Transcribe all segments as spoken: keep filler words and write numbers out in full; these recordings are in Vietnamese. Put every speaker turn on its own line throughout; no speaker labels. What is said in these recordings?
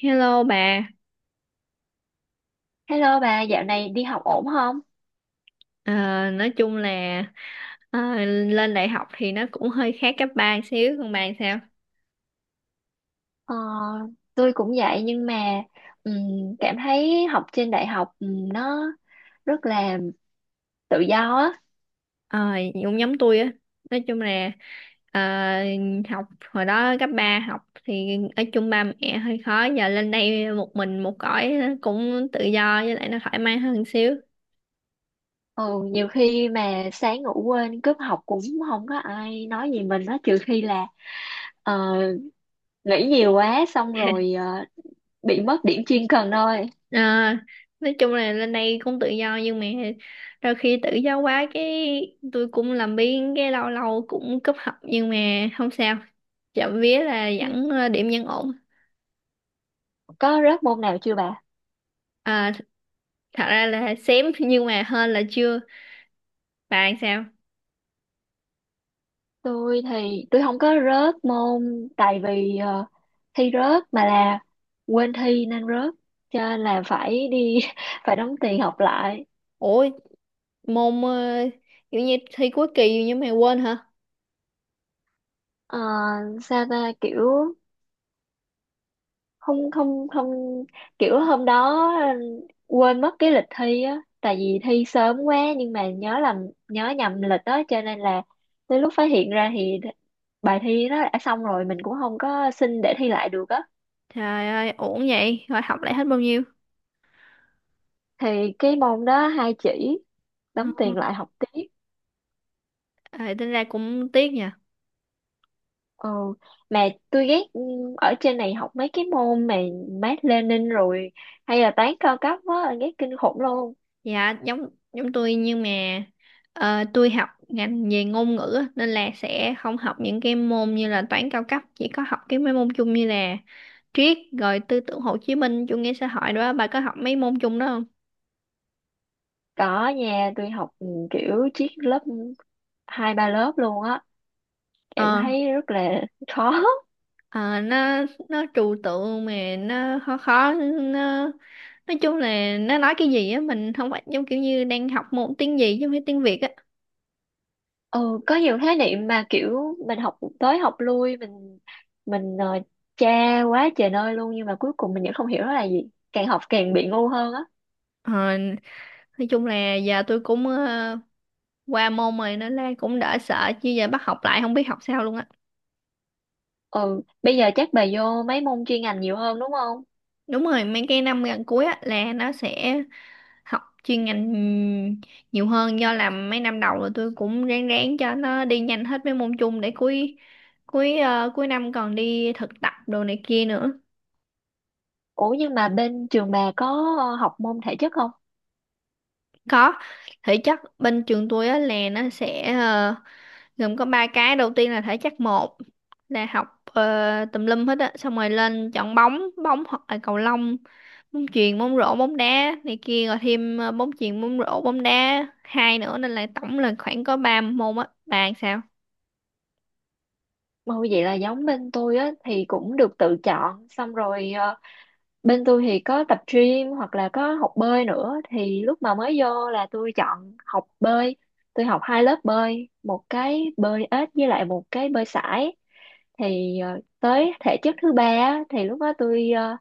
Hello bà.
Hello bà, dạo này đi học ổn không?
Ờ, nói chung là ờ, lên đại học thì nó cũng hơi khác cấp ba xíu, còn bà sao?
Ờ, tôi cũng vậy nhưng mà ừm, cảm thấy học trên đại học ừm, nó rất là tự do á.
Ờ, cũng giống tôi á, nói chung là ờ, học hồi đó cấp ba học thì ở chung ba mẹ hơi khó, giờ lên đây một mình một cõi cũng tự do với lại nó thoải mái hơn xíu.
Ừ, nhiều khi mà sáng ngủ quên cúp học cũng không có ai nói gì mình á, trừ khi là ờ, nghĩ nhiều quá xong rồi ờ, bị mất điểm chuyên cần thôi.
À, nói chung là lên đây cũng tự do nhưng mà đôi khi tự do quá cái tôi cũng làm biếng, cái lâu lâu cũng cúp học nhưng mà không sao, trộm vía là
Ừ,
vẫn ờ, điểm vẫn ổn.
có rớt môn nào chưa bà?
À, th- thật ra là xém nhưng mà hơn là chưa. Bạn sao?
Tôi thì tôi không có rớt môn tại vì ờ, thi rớt mà là quên thi nên rớt, cho nên là phải đi phải đóng tiền học lại.
Ủa, môn ờ, kiểu như thi cuối kỳ nhưng mà quên hả?
Ờ, sao ta, kiểu không không không, kiểu hôm đó quên mất cái lịch thi á, tại vì thi sớm quá nhưng mà nhớ làm nhớ nhầm lịch đó, cho nên là tới lúc phát hiện ra thì bài thi nó đã xong rồi, mình cũng không có xin để thi lại được á.
Trời ơi, ổn vậy? Rồi học lại hết bao nhiêu?
Thì cái môn đó hai chỉ, đóng
Ờ,
tiền lại học tiếp.
à, tính ra cũng tiếc nhỉ.
ừ. Mà tôi ghét ừ, ở trên này học mấy cái môn mà Mác Lênin rồi hay là toán cao cấp á, ghét kinh khủng luôn.
Dạ, giống giống tôi nhưng mà ờ, tôi học ngành về ngôn ngữ á, nên là sẽ không học những cái môn như là toán cao cấp, chỉ có học cái mấy môn chung như là triết rồi tư tưởng Hồ Chí Minh, chủ nghĩa xã hội đó. Bà có học mấy môn chung đó không?
Có, nhà tôi học ừ, kiểu chiếc lớp hai ba lớp luôn á. Em
Ờ
thấy rất là khó.
ờ, nó nó trừu tượng, mà nó khó khó, nó nói chung là nó nói cái gì á mình không phải, giống kiểu như đang học môn tiếng gì chứ không phải tiếng Việt á.
ừ có nhiều khái niệm mà kiểu mình học tới học lui, mình mình uh, tra quá trời nơi luôn, nhưng mà cuối cùng mình vẫn không hiểu nó là gì, càng học càng bị ngu hơn á.
Ờ, nói chung là giờ tôi cũng ờ, qua môn rồi nên là cũng đỡ sợ, chứ giờ bắt học lại không biết học sao luôn á.
Ừ, bây giờ chắc bà vô mấy môn chuyên ngành nhiều hơn đúng không?
Đúng rồi, mấy cái năm gần cuối á là nó sẽ học chuyên ngành nhiều hơn, do làm mấy năm đầu rồi tôi cũng ráng ráng cho nó đi nhanh hết mấy môn chung để cuối cuối ờ, cuối năm còn đi thực tập đồ này kia nữa.
Ủa, nhưng mà bên trường bà có ờ, học môn thể chất không?
Có, thể chất bên trường tôi á là nó sẽ ờ, gồm có ba cái, đầu tiên là thể chất một, là học ờ, tùm lum hết á, xong rồi lên chọn bóng bóng hoặc là cầu lông, bóng chuyền, bóng rổ, bóng đá này kia, rồi thêm ờ, bóng chuyền, bóng rổ, bóng đá hai nữa, nên là tổng là khoảng có ba môn á. Bạn sao?
Ôi vậy là giống bên tôi á, thì cũng được tự chọn, xong rồi ờ, bên tôi thì có tập gym hoặc là có học bơi nữa, thì lúc mà mới vô là tôi chọn học bơi. Tôi học hai lớp bơi, một cái bơi ếch với lại một cái bơi sải. Thì ờ, tới thể chất thứ ba á, thì lúc đó tôi ờ,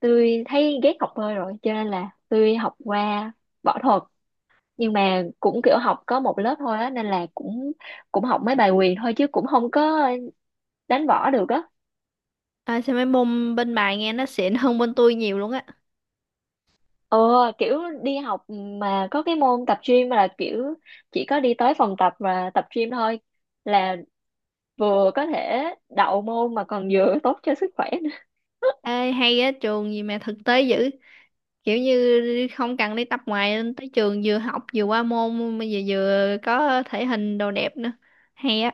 tôi thấy ghét học bơi rồi cho nên là tôi học qua võ thuật, nhưng mà cũng kiểu học có một lớp thôi á, nên là cũng cũng học mấy bài quyền thôi chứ cũng không có đánh võ được á.
À, sao mấy môn bên bài nghe nó xịn hơn bên tôi nhiều luôn á.
ờ Kiểu đi học mà có cái môn tập gym là kiểu chỉ có đi tới phòng tập và tập gym thôi, là vừa có thể đậu môn mà còn vừa tốt cho sức khỏe nữa.
Ê, hay á, trường gì mà thực tế dữ, kiểu như không cần đi tập ngoài, lên tới trường vừa học vừa qua môn mà vừa vừa có thể hình đồ đẹp nữa, hay á.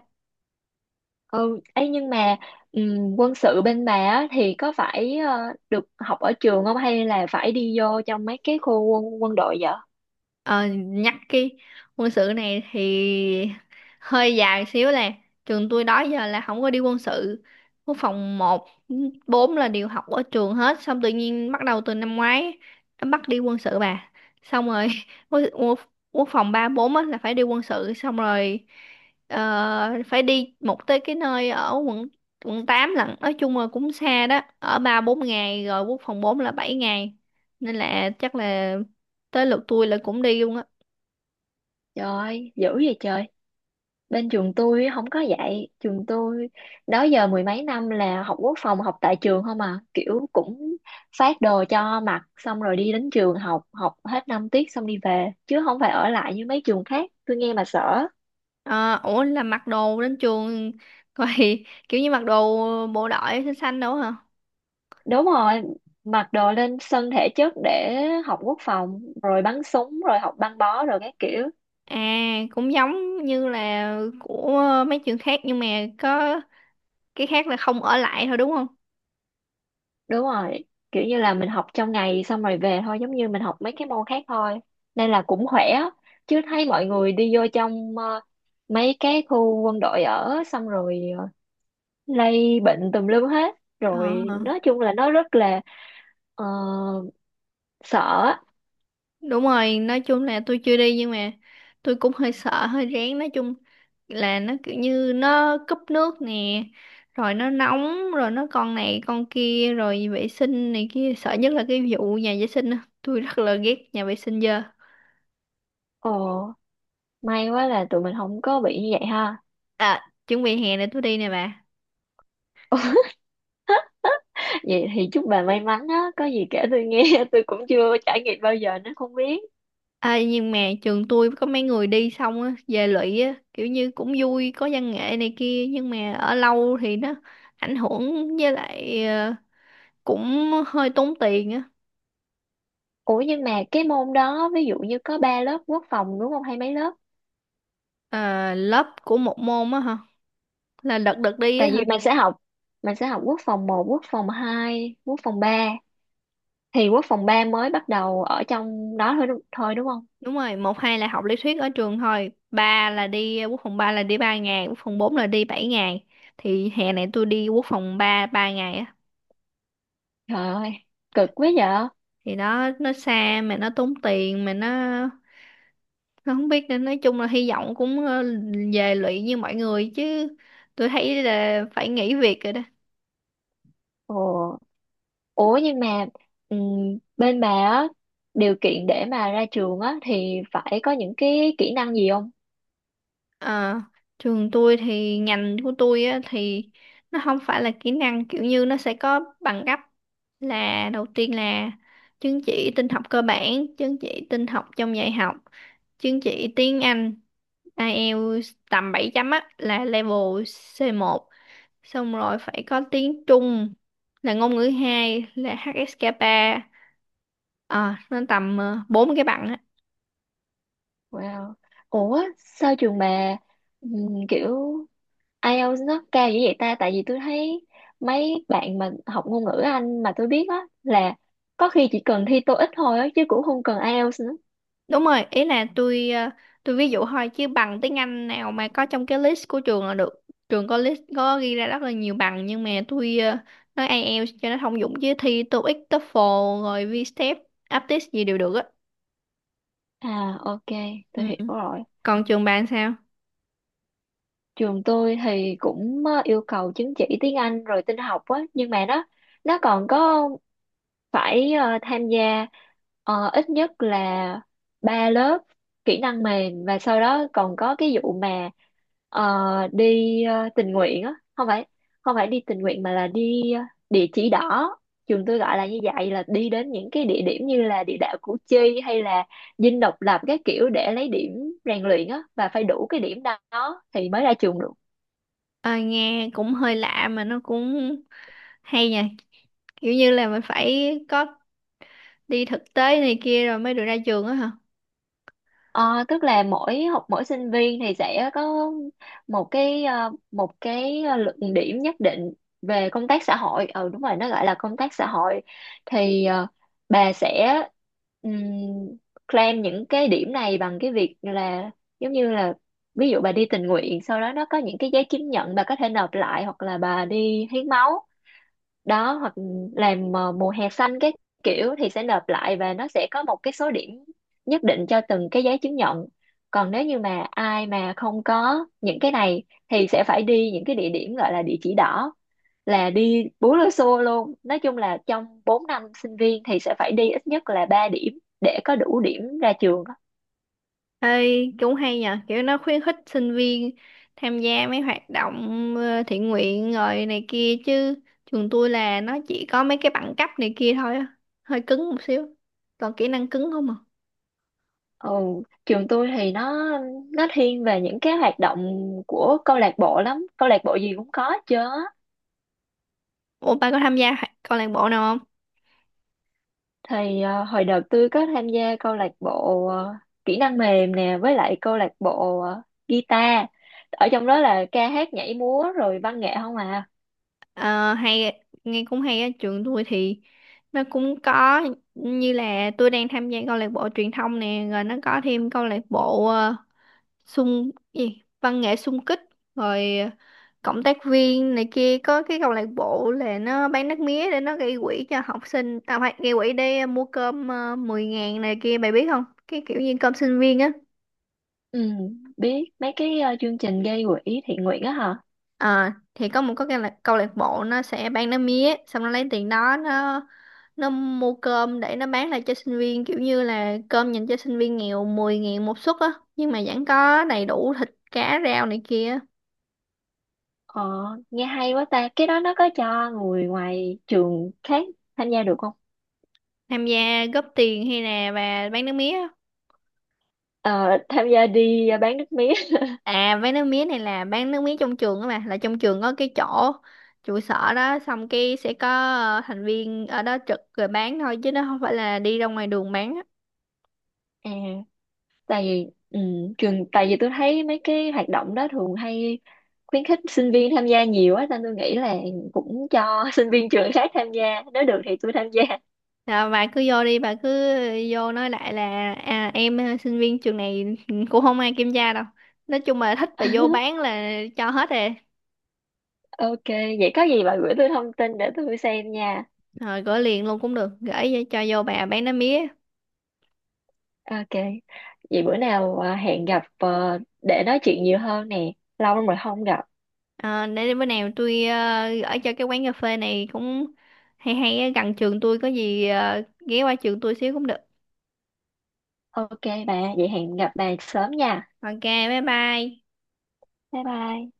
ừ Ấy, nhưng mà ừm, quân sự bên bà á, thì có phải ờ, được học ở trường không hay là phải đi vô trong mấy cái khu quân, quân đội vậy?
Ờ, nhắc cái quân sự này thì hơi dài xíu, là trường tôi đó giờ là không có đi quân sự, quốc phòng một bốn là đều học ở trường hết, xong tự nhiên bắt đầu từ năm ngoái nó bắt đi quân sự bà, xong rồi quốc, quốc, quốc phòng ba bốn á là phải đi quân sự, xong rồi ờ, phải đi một tới cái nơi ở quận quận tám lận, nói chung là cũng xa đó, ở ba bốn ngày, rồi quốc phòng bốn là bảy ngày, nên là chắc là tới lượt tôi là cũng đi luôn á.
Trời ơi, dữ vậy trời. Bên trường tôi không có dạy. Trường tôi đó giờ mười mấy năm là học quốc phòng học tại trường không à, kiểu cũng phát đồ cho mặc xong rồi đi đến trường học, học hết năm tiết xong đi về chứ không phải ở lại như mấy trường khác, tôi nghe mà sợ.
À, ủa là mặc đồ đến trường vậy? Kiểu như mặc đồ bộ đội xanh xanh đâu hả?
Đúng rồi, mặc đồ lên sân thể chất để học quốc phòng rồi bắn súng rồi học băng bó rồi các kiểu.
À, cũng giống như là của mấy trường khác nhưng mà có cái khác là không ở lại thôi, đúng không?
Đúng rồi, kiểu như là mình học trong ngày xong rồi về thôi, giống như mình học mấy cái môn khác thôi. Nên là cũng khỏe á. Chứ thấy mọi người đi vô trong ờ, mấy cái khu quân đội ở, xong rồi ờ, lây bệnh tùm lum hết. Rồi nói
Ờ.
chung là nó rất là ờ, sợ á.
Đúng rồi, nói chung là tôi chưa đi nhưng mà tôi cũng hơi sợ, hơi rén. Nói chung là nó kiểu như nó cúp nước nè, rồi nó nóng, rồi nó con này con kia, rồi vệ sinh này kia. Sợ nhất là cái vụ nhà vệ sinh á. Tôi rất là ghét nhà vệ sinh dơ.
Ồ, may quá là tụi mình không có bị như vậy ha.
À, chuẩn bị hè này tôi đi nè bà.
Vậy thì chúc bà may mắn á, có gì kể tôi nghe, tôi cũng chưa trải nghiệm bao giờ nên không biết.
À, nhưng mà trường tôi có mấy người đi xong á, về lụy á, kiểu như cũng vui, có văn nghệ này kia. Nhưng mà ở lâu thì nó ảnh hưởng, với lại ờ, cũng hơi tốn tiền á.
Ủa, nhưng mà cái môn đó ví dụ như có ba lớp quốc phòng đúng không hay mấy lớp?
Ờ, lớp của một môn á hả? Là đợt đợt đi á
Tại vì
hả?
mình sẽ học, mình sẽ học quốc phòng một, quốc phòng hai, quốc phòng ba, thì quốc phòng ba mới bắt đầu ở trong đó thôi đúng, thôi đúng không?
Đúng rồi, một hai là học lý thuyết ở trường thôi, ba là đi, à, quốc phòng ba là đi ba ngày, quốc phòng bốn là đi bảy ngày, thì hè này tôi đi quốc phòng ba ba ngày á.
Trời ơi, cực quá vậy.
Thì nó nó xa mà nó tốn tiền, mà nó nó không biết, nên nói chung là hy vọng cũng ờ, về lụy như mọi người, chứ tôi thấy là phải nghỉ việc rồi đó.
Ồ, ủa nhưng mà ừm, bên bà á, điều kiện để mà ra trường á thì phải có những cái kỹ năng gì không?
Ờ, trường tôi thì ngành của tôi á, thì nó không phải là kỹ năng, kiểu như nó sẽ có bằng cấp. Là đầu tiên là chứng chỉ tin học cơ bản, chứng chỉ tin học trong dạy học, chứng chỉ tiếng Anh ai eo tầm bảy chấm á là level si oăn, xong rồi phải có tiếng Trung là ngôn ngữ hai là hát ét ca ba. À, nó tầm ờ, bốn cái bằng.
Wow. Ủa sao trường bà ừm, kiểu IELTS nó cao dữ vậy ta, tại vì tôi thấy mấy bạn mà học ngôn ngữ Anh mà tôi biết á là có khi chỉ cần thi TOEIC thôi á chứ cũng không cần IELTS nữa.
Đúng rồi, ý là tôi ờ, tôi ví dụ thôi, chứ bằng tiếng Anh nào mà có trong cái list của trường là được. Trường có list có ghi ra rất là nhiều bằng nhưng mà tôi ờ, nói ai eo cho nó thông dụng, chứ thi TOEIC, TOEFL rồi vi step, aptis gì đều được á.
À, ok, tôi
Ừ.
hiểu rồi.
Còn trường bạn sao?
Trường tôi thì cũng ờ, yêu cầu chứng chỉ tiếng Anh rồi tin học á, nhưng mà nó nó còn có phải ờ, tham gia ờ, ít nhất là ba lớp kỹ năng mềm, và sau đó còn có cái vụ mà ờ, đi ờ, tình nguyện á, không phải không phải đi tình nguyện mà là đi ờ, địa chỉ đỏ, trường tôi gọi là như vậy, là đi đến những cái địa điểm như là địa đạo Củ Chi hay là Dinh Độc Lập các kiểu, để lấy điểm rèn luyện á, và phải đủ cái điểm đó thì mới ra trường được.
Ờ, nghe cũng hơi lạ mà nó cũng hay nha. Kiểu như là mình phải có đi thực tế này kia rồi mới được ra trường á hả?
Ờ, tức là mỗi học mỗi sinh viên thì sẽ có một cái ờ, một cái luận điểm nhất định về công tác xã hội, ừ đúng rồi, nó gọi là công tác xã hội. Thì ờ, bà sẽ ừm, claim những cái điểm này bằng cái việc là, giống như là ví dụ bà đi tình nguyện, sau đó nó có những cái giấy chứng nhận bà có thể nộp lại, hoặc là bà đi hiến máu đó, hoặc làm ờ, mùa hè xanh cái kiểu, thì sẽ nộp lại và nó sẽ có một cái số điểm nhất định cho từng cái giấy chứng nhận. Còn nếu như mà ai mà không có những cái này thì sẽ phải đi những cái địa điểm gọi là địa chỉ đỏ, là đi bú lưu xô luôn. Nói chung là trong bốn năm sinh viên thì sẽ phải đi ít nhất là ba điểm để có đủ điểm ra trường á.
Ê, cũng hay nhờ, kiểu nó khuyến khích sinh viên tham gia mấy hoạt động ờ, thiện nguyện rồi này kia, chứ trường tôi là nó chỉ có mấy cái bằng cấp này kia thôi á, hơi cứng một xíu, còn kỹ năng cứng không à.
ừ, Trường tôi thì nó nó thiên về những cái hoạt động của câu lạc bộ lắm, câu lạc bộ gì cũng có chứ.
Ủa, ba có tham gia hoạt- câu lạc bộ nào không?
Thì ờ, hồi đợt tôi có tham gia câu lạc bộ ờ, kỹ năng mềm nè, với lại câu lạc bộ ờ, guitar. Ở trong đó là ca hát nhảy múa rồi văn nghệ không à.
Ờ, hay, nghe cũng hay á. Trường tôi thì nó cũng có, như là tôi đang tham gia câu lạc bộ truyền thông nè, rồi nó có thêm câu lạc bộ ờ, xung gì, văn nghệ xung kích, rồi ờ, cộng tác viên này kia. Có cái câu lạc bộ là nó bán nước mía để nó gây quỹ cho học sinh, tao phải gây quỹ để ờ, mua cơm, uh, 10 ngàn này kia, mày biết không, cái kiểu như cơm sinh viên á.
ừ Biết mấy cái ờ, chương trình gây quỹ thiện nguyện á hả.
Ờ, thì có một có cái câu lạc, câu lạc bộ nó sẽ bán nước mía, xong nó lấy tiền đó nó nó mua cơm để nó bán lại cho sinh viên, kiểu như là cơm dành cho sinh viên nghèo, mười ngàn một suất á, nhưng mà vẫn có đầy đủ thịt cá rau này kia.
ờ Nghe hay quá ta, cái đó nó có cho người ngoài trường khác tham gia được không?
Tham gia góp tiền hay là bà bán nước mía?
Ờ, tham gia đi ờ, bán nước mía.
À, bán nước mía này là bán nước mía trong trường á bà, là trong trường có cái chỗ trụ sở đó, xong cái sẽ có ờ, thành viên ở đó trực rồi bán thôi, chứ nó không phải là đi ra ngoài đường bán á.
À, tại vì ừ, trường tại vì tôi thấy mấy cái hoạt động đó thường hay khuyến khích sinh viên tham gia nhiều á, nên tôi nghĩ là cũng cho sinh viên trường khác tham gia, nếu được thì tôi tham gia.
Rồi bà cứ vô đi, bà cứ vô nói lại là, à, em ờ, sinh viên trường này, cũng không ai kiểm tra đâu, nói chung là thích, bà vô bán là cho hết rồi.
Ok, vậy có gì bà gửi tôi thông tin để tôi xem nha.
Rồi gửi liền luôn cũng được, gửi cho vô bà bán nước mía.
Ok, vậy bữa nào à, hẹn gặp ờ, để nói chuyện nhiều hơn nè, lâu lắm rồi không gặp.
Ờ, để bữa nào tôi ờ, gửi cho cái quán cà phê này cũng hay hay, ở gần trường tôi, có gì ờ, ghé qua trường tôi xíu cũng được.
Ok bà, vậy hẹn gặp bà sớm nha.
Ok, bye bye.
Bye bye.